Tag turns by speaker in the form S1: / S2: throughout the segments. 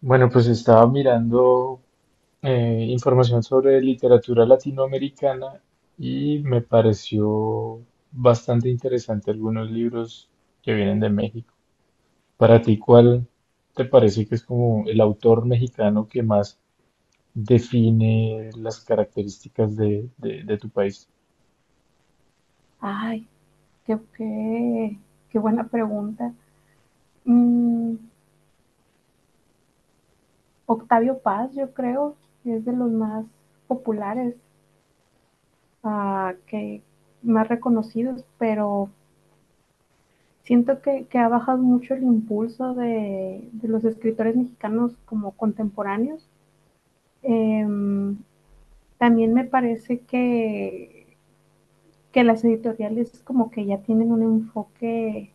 S1: Bueno, pues estaba mirando información sobre literatura latinoamericana y me pareció bastante interesante algunos libros que vienen de México. Para ti, ¿cuál te parece que es como el autor mexicano que más define las características de tu país?
S2: Ay, qué, qué, qué buena pregunta. Mm, Octavio Paz, yo creo, es de los más populares, que más reconocidos, pero siento que ha bajado mucho el impulso de los escritores mexicanos como contemporáneos. Em, También me parece que las editoriales como que ya tienen un enfoque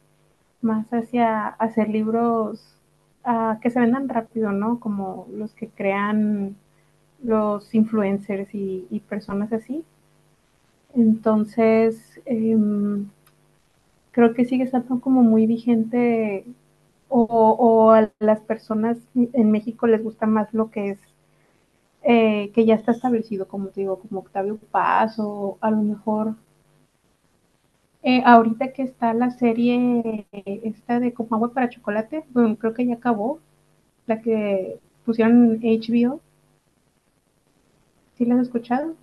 S2: más hacia, hacer libros que se vendan rápido, ¿no? Como los que crean los influencers y personas así. Entonces, creo que sigue estando como muy vigente a las personas en México les gusta más lo que es, que ya está establecido, como te digo, como Octavio Paz o a lo mejor ahorita que está la serie esta de Como Agua para Chocolate, bueno, creo que ya acabó, la que pusieron HBO, ¿sí la has escuchado?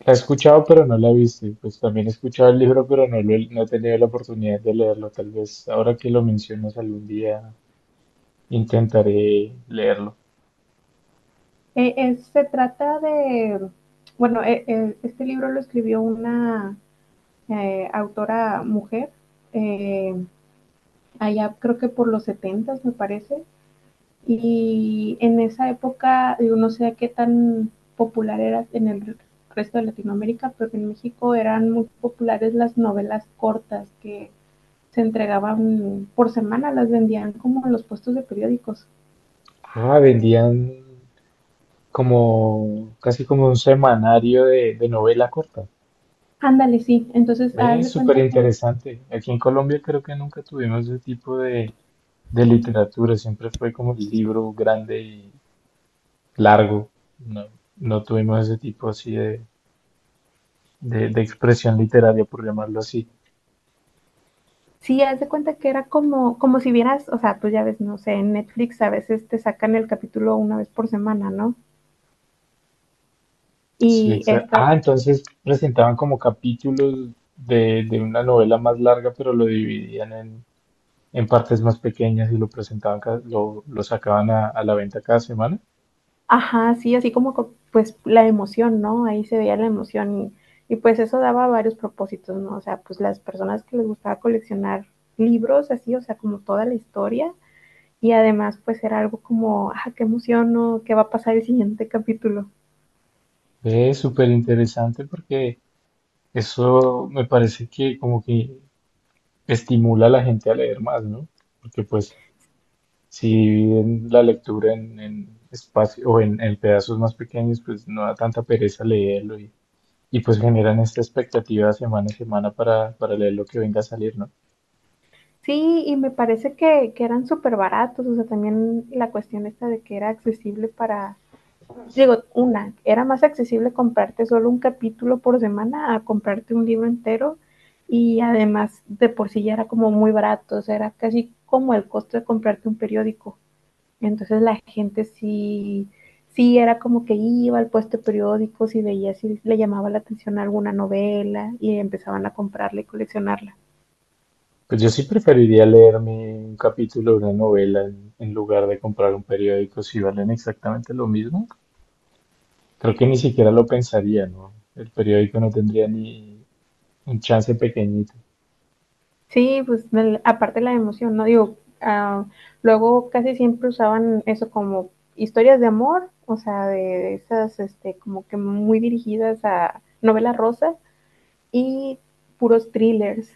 S1: La he escuchado, pero no la he visto. Y pues también he escuchado el libro, pero no he tenido la oportunidad de leerlo. Tal vez ahora que lo mencionas algún día intentaré leerlo.
S2: Se trata de, bueno, este libro lo escribió una autora mujer, eh, allá creo que por los setentas me parece, y en esa época, yo no sé qué tan popular era en el resto de Latinoamérica, pero en México eran muy populares las novelas cortas que se entregaban por semana, las vendían como en los puestos de periódicos.
S1: Ah, vendían como casi como un semanario de novela corta.
S2: Ándale, sí. Entonces, haz
S1: Ve,
S2: de
S1: súper
S2: cuenta que,
S1: interesante. Aquí en Colombia creo que nunca tuvimos ese tipo de literatura. Siempre fue como el libro grande y largo. No, no tuvimos ese tipo así de expresión literaria, por llamarlo así.
S2: sí, haz de cuenta que era como, como si vieras, o sea, pues ya ves, no sé, en Netflix a veces te sacan el capítulo una vez por semana, ¿no?
S1: Sí,
S2: Y
S1: exa-
S2: esta,
S1: ah, entonces presentaban como capítulos de una novela más larga, pero lo dividían en partes más pequeñas y lo presentaban, lo sacaban a la venta cada semana.
S2: ajá, sí, así como, pues la emoción, ¿no? Ahí se veía la emoción y pues eso daba varios propósitos, ¿no? O sea, pues las personas que les gustaba coleccionar libros, así, o sea, como toda la historia y además pues era algo como, ah, qué emoción, ¿no? ¿Qué va a pasar el siguiente capítulo?
S1: Es súper interesante porque eso me parece que como que estimula a la gente a leer más, ¿no? Porque pues si dividen la lectura en espacio o en pedazos más pequeños, pues no da tanta pereza leerlo y pues generan esta expectativa semana a semana para leer lo que venga a salir, ¿no?
S2: Sí, y me parece que eran súper baratos, o sea, también la cuestión esta de que era accesible para, digo, una, era más accesible comprarte solo un capítulo por semana a comprarte un libro entero y además de por sí ya era como muy barato, o sea, era casi como el costo de comprarte un periódico. Entonces la gente sí, sí era como que iba al puesto de periódicos y veía si le llamaba la atención alguna novela y empezaban a comprarla y coleccionarla.
S1: Pues yo sí preferiría leerme un capítulo de una novela en lugar de comprar un periódico si valen exactamente lo mismo. Creo que ni siquiera lo pensaría, ¿no? El periódico no tendría ni un chance pequeñito.
S2: Sí, pues aparte la emoción, ¿no? Digo, ah, luego casi siempre usaban eso como historias de amor, o sea, de esas, este, como que muy dirigidas a novela rosa y puros thrillers.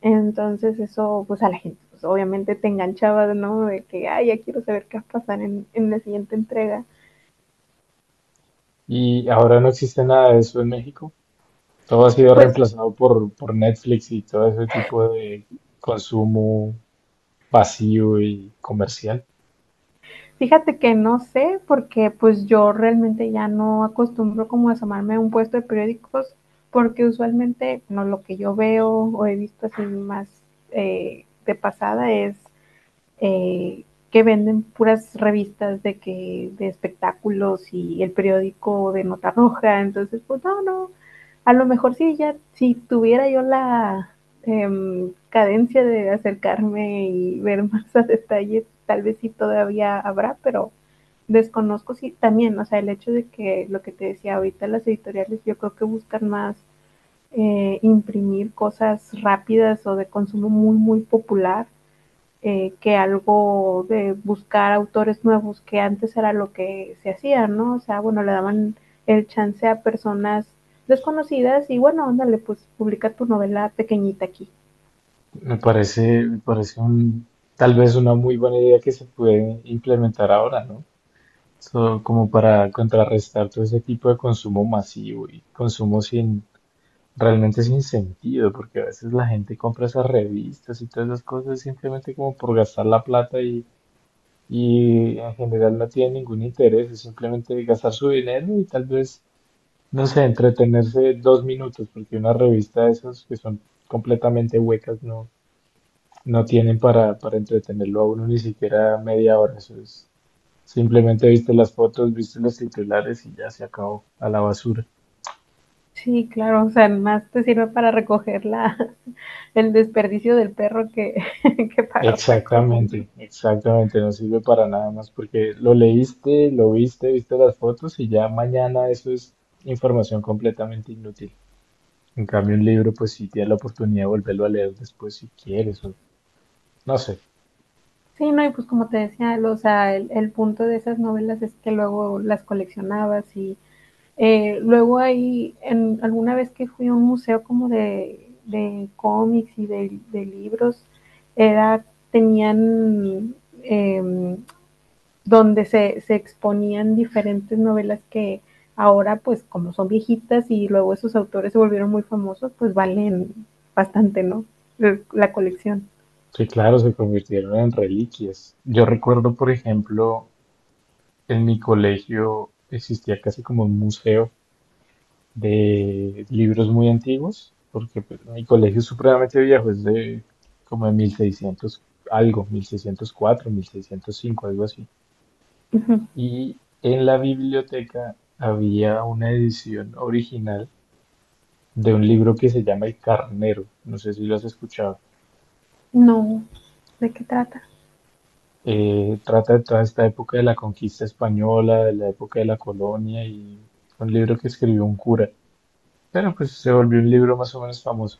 S2: Entonces eso, pues a la gente, pues obviamente te enganchaba, ¿no? De que, ay, ya quiero saber qué va a pasar en la siguiente entrega.
S1: Y ahora no existe nada de eso en México. Todo ha sido
S2: Pues
S1: reemplazado por Netflix y todo ese tipo de consumo vacío y comercial.
S2: Fíjate que no sé, porque pues yo realmente ya no acostumbro como a asomarme a un puesto de periódicos, porque usualmente no lo que yo veo o he visto así más de pasada es eh, que venden puras revistas de que de espectáculos y el periódico de nota roja, entonces pues no, a lo mejor sí ya si tuviera yo la cadencia de acercarme y ver más a detalle, tal vez sí todavía habrá, pero desconozco si sí, también, o sea, el hecho de que lo que te decía ahorita las editoriales, yo creo que buscan más imprimir cosas rápidas o de consumo muy, muy popular que algo de buscar autores nuevos, que antes era lo que se hacía, ¿no? O sea, bueno, le daban el chance a personas desconocidas y bueno, ándale, pues publica tu novela pequeñita aquí.
S1: Me parece un, tal vez una muy buena idea que se puede implementar ahora, ¿no? So, como para contrarrestar todo ese tipo de consumo masivo y consumo sin realmente sin sentido, porque a veces la gente compra esas revistas y todas esas cosas simplemente como por gastar la plata y en general no tiene ningún interés, es simplemente gastar su dinero y tal vez, no sé, entretenerse dos minutos, porque una revista de esas que son completamente huecas no, no tienen para entretenerlo a uno ni siquiera media hora, eso es simplemente viste las fotos, viste los titulares y ya se acabó a la basura.
S2: Sí, claro, o sea, más te sirve para recoger la, el desperdicio del perro que, que para otra cosa, ¿no?
S1: Exactamente, exactamente, no sirve para nada más porque lo leíste, lo viste, viste las fotos y ya mañana eso es información completamente inútil. En cambio, un libro, pues si tienes la oportunidad de volverlo a leer después si quieres, o no sé.
S2: Sí, no, y pues como te decía, o sea, el punto de esas novelas es que luego las coleccionabas y luego ahí, en, alguna vez que fui a un museo como de cómics y de libros, era, tenían eh, donde se exponían diferentes novelas que ahora, pues como son viejitas y luego esos autores se volvieron muy famosos, pues valen bastante, ¿no? La colección.
S1: Sí, claro, se convirtieron en reliquias. Yo recuerdo, por ejemplo, en mi colegio existía casi como un museo de libros muy antiguos, porque pues, mi colegio es supremamente viejo, es de como de 1600 algo, 1604, 1605, algo así.
S2: Ujú.
S1: Y en la biblioteca había una edición original de un libro que se llama El Carnero, no sé si lo has escuchado.
S2: No, ¿de qué trata?
S1: Trata de toda esta época de la conquista española, de la época de la colonia y fue un libro que escribió un cura, pero pues se volvió un libro más o menos famoso.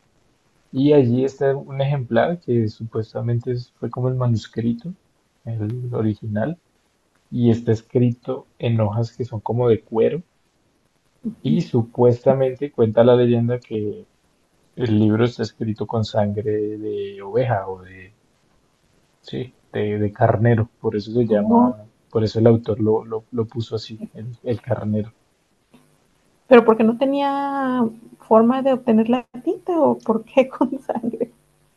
S1: Y allí está un ejemplar que fue como el manuscrito, el original, y está escrito en hojas que son como de cuero. Y supuestamente cuenta la leyenda que el libro está escrito con sangre de oveja o de, sí, de carnero. Por eso se
S2: Ujú.
S1: llama, por eso el autor lo puso así, el carnero.
S2: ¿Pero porque no tenía forma de obtener la tinta o por qué con sangre?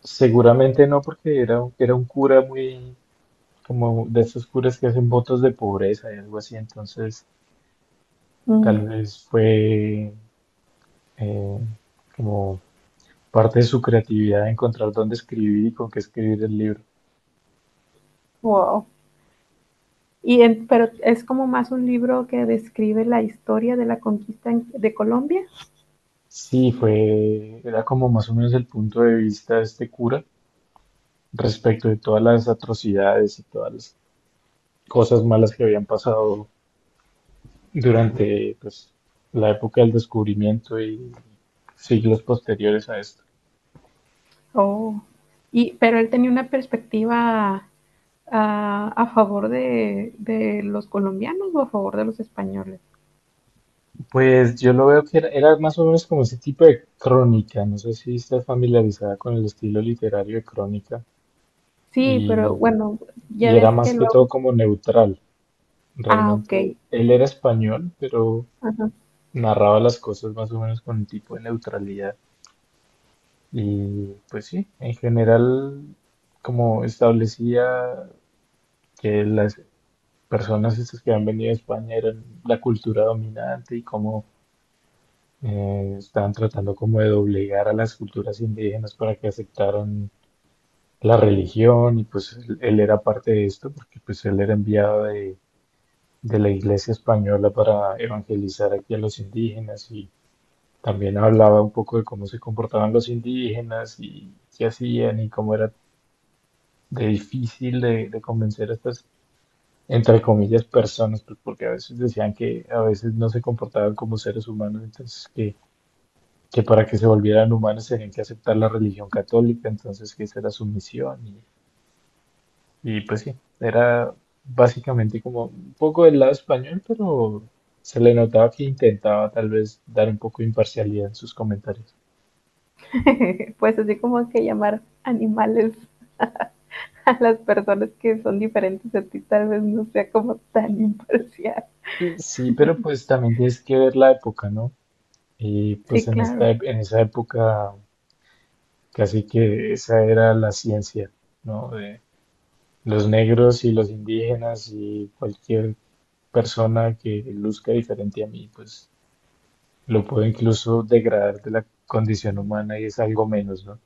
S1: Seguramente no, porque era un cura muy, como de esos curas que hacen votos de pobreza y algo así. Entonces tal
S2: Mm,
S1: vez fue eh, como parte de su creatividad encontrar dónde escribir y con qué escribir el libro.
S2: wow. Pero es como más un libro que describe la historia de la conquista de Colombia.
S1: Sí, fue, era como más o menos el punto de vista de este cura respecto de todas las atrocidades y todas las cosas malas que habían pasado durante pues, la época del descubrimiento y siglos posteriores a esto.
S2: Oh. Y, pero él tenía una perspectiva a favor de los colombianos o a favor de los españoles.
S1: Pues yo lo veo que era, era más o menos como ese tipo de crónica, no sé si estás familiarizada con el estilo literario de crónica.
S2: Sí, pero
S1: y
S2: bueno, ya
S1: Y era
S2: ves que
S1: más que todo
S2: luego...
S1: como neutral.
S2: Ah, ok.
S1: Realmente él era español, pero
S2: Ajá.
S1: narraba las cosas más o menos con un tipo de neutralidad. Y pues sí, en general, como establecía que las personas estas que han venido a España eran la cultura dominante y cómo estaban tratando como de doblegar a las culturas indígenas para que aceptaran la religión y pues él era parte de esto porque pues él era enviado de la iglesia española para evangelizar aquí a los indígenas y también hablaba un poco de cómo se comportaban los indígenas y qué hacían y cómo era de difícil de convencer a estas, entre comillas, personas, pues, porque a veces decían que a veces no se comportaban como seres humanos, entonces que para que se volvieran humanos tenían que aceptar la religión católica, entonces que esa era su misión. Y pues sí, era básicamente como un poco del lado español, pero se le notaba que intentaba tal vez dar un poco de imparcialidad en sus comentarios.
S2: Pues así como que llamar animales a las personas que son diferentes a ti, tal vez no sea como tan imparcial.
S1: Sí, pero pues también tienes que ver la época, ¿no? Y pues
S2: Sí,
S1: en
S2: claro.
S1: en esa época casi que esa era la ciencia, ¿no? De los negros y los indígenas y cualquier persona que luzca diferente a mí, pues lo puedo incluso degradar de la condición humana y es algo menos, ¿no?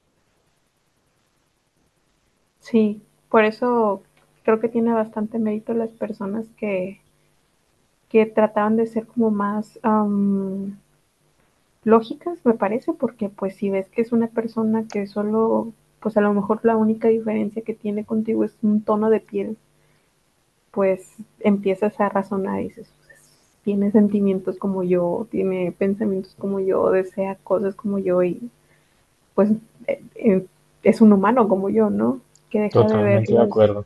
S2: Sí, por eso creo que tiene bastante mérito las personas que trataban de ser como más lógicas, me parece, porque pues si ves que es una persona que solo, pues a lo mejor la única diferencia que tiene contigo es un tono de piel, pues empiezas a razonar y dices, pues, tiene sentimientos como yo, tiene pensamientos como yo, desea cosas como yo y pues eh, es un humano como yo, ¿no? Que deja de
S1: Totalmente de
S2: verlos.
S1: acuerdo.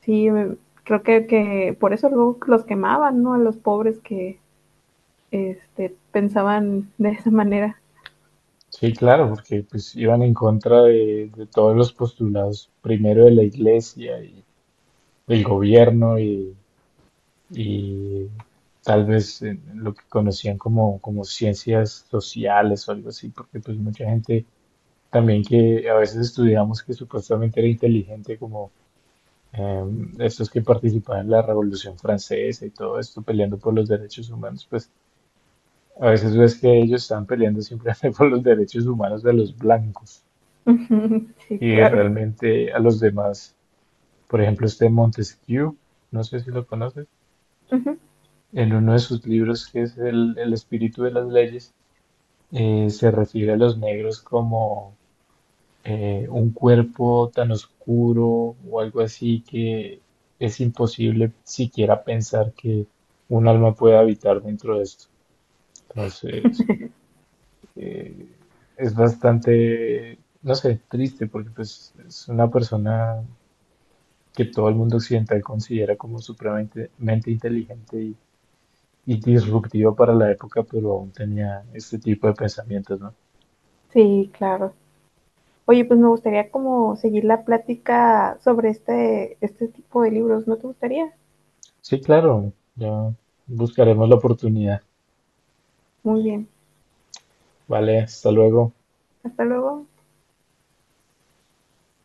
S2: Sí, creo que por eso luego los quemaban, ¿no? A los pobres que este, pensaban de esa manera.
S1: Sí, claro, porque pues iban en contra de todos los postulados, primero de la iglesia y del gobierno y tal vez lo que conocían como ciencias sociales o algo así, porque pues mucha gente también que a veces estudiamos que supuestamente era inteligente, como eh, estos que participaban en la Revolución Francesa y todo esto, peleando por los derechos humanos, pues a veces ves que ellos están peleando simplemente por los derechos humanos de los blancos.
S2: Ujú, sí,
S1: Y
S2: claro.
S1: realmente a los demás, por ejemplo, este Montesquieu, no sé si lo conoces,
S2: Ujú,
S1: en uno de sus libros que es el espíritu de las leyes, se refiere a los negros como un cuerpo tan oscuro o algo así, que es imposible siquiera pensar que un alma pueda habitar dentro de esto. Entonces, eh, es bastante, no sé, triste porque pues es una persona que todo el mundo occidental considera como supremamente mente inteligente y disruptivo para la época, pero aún tenía este tipo de pensamientos, ¿no?
S2: sí, claro. Oye, pues me gustaría como seguir la plática sobre este, este tipo de libros. ¿No te gustaría?
S1: Sí, claro, ya buscaremos la oportunidad.
S2: Muy bien.
S1: Vale, hasta luego.
S2: Hasta luego.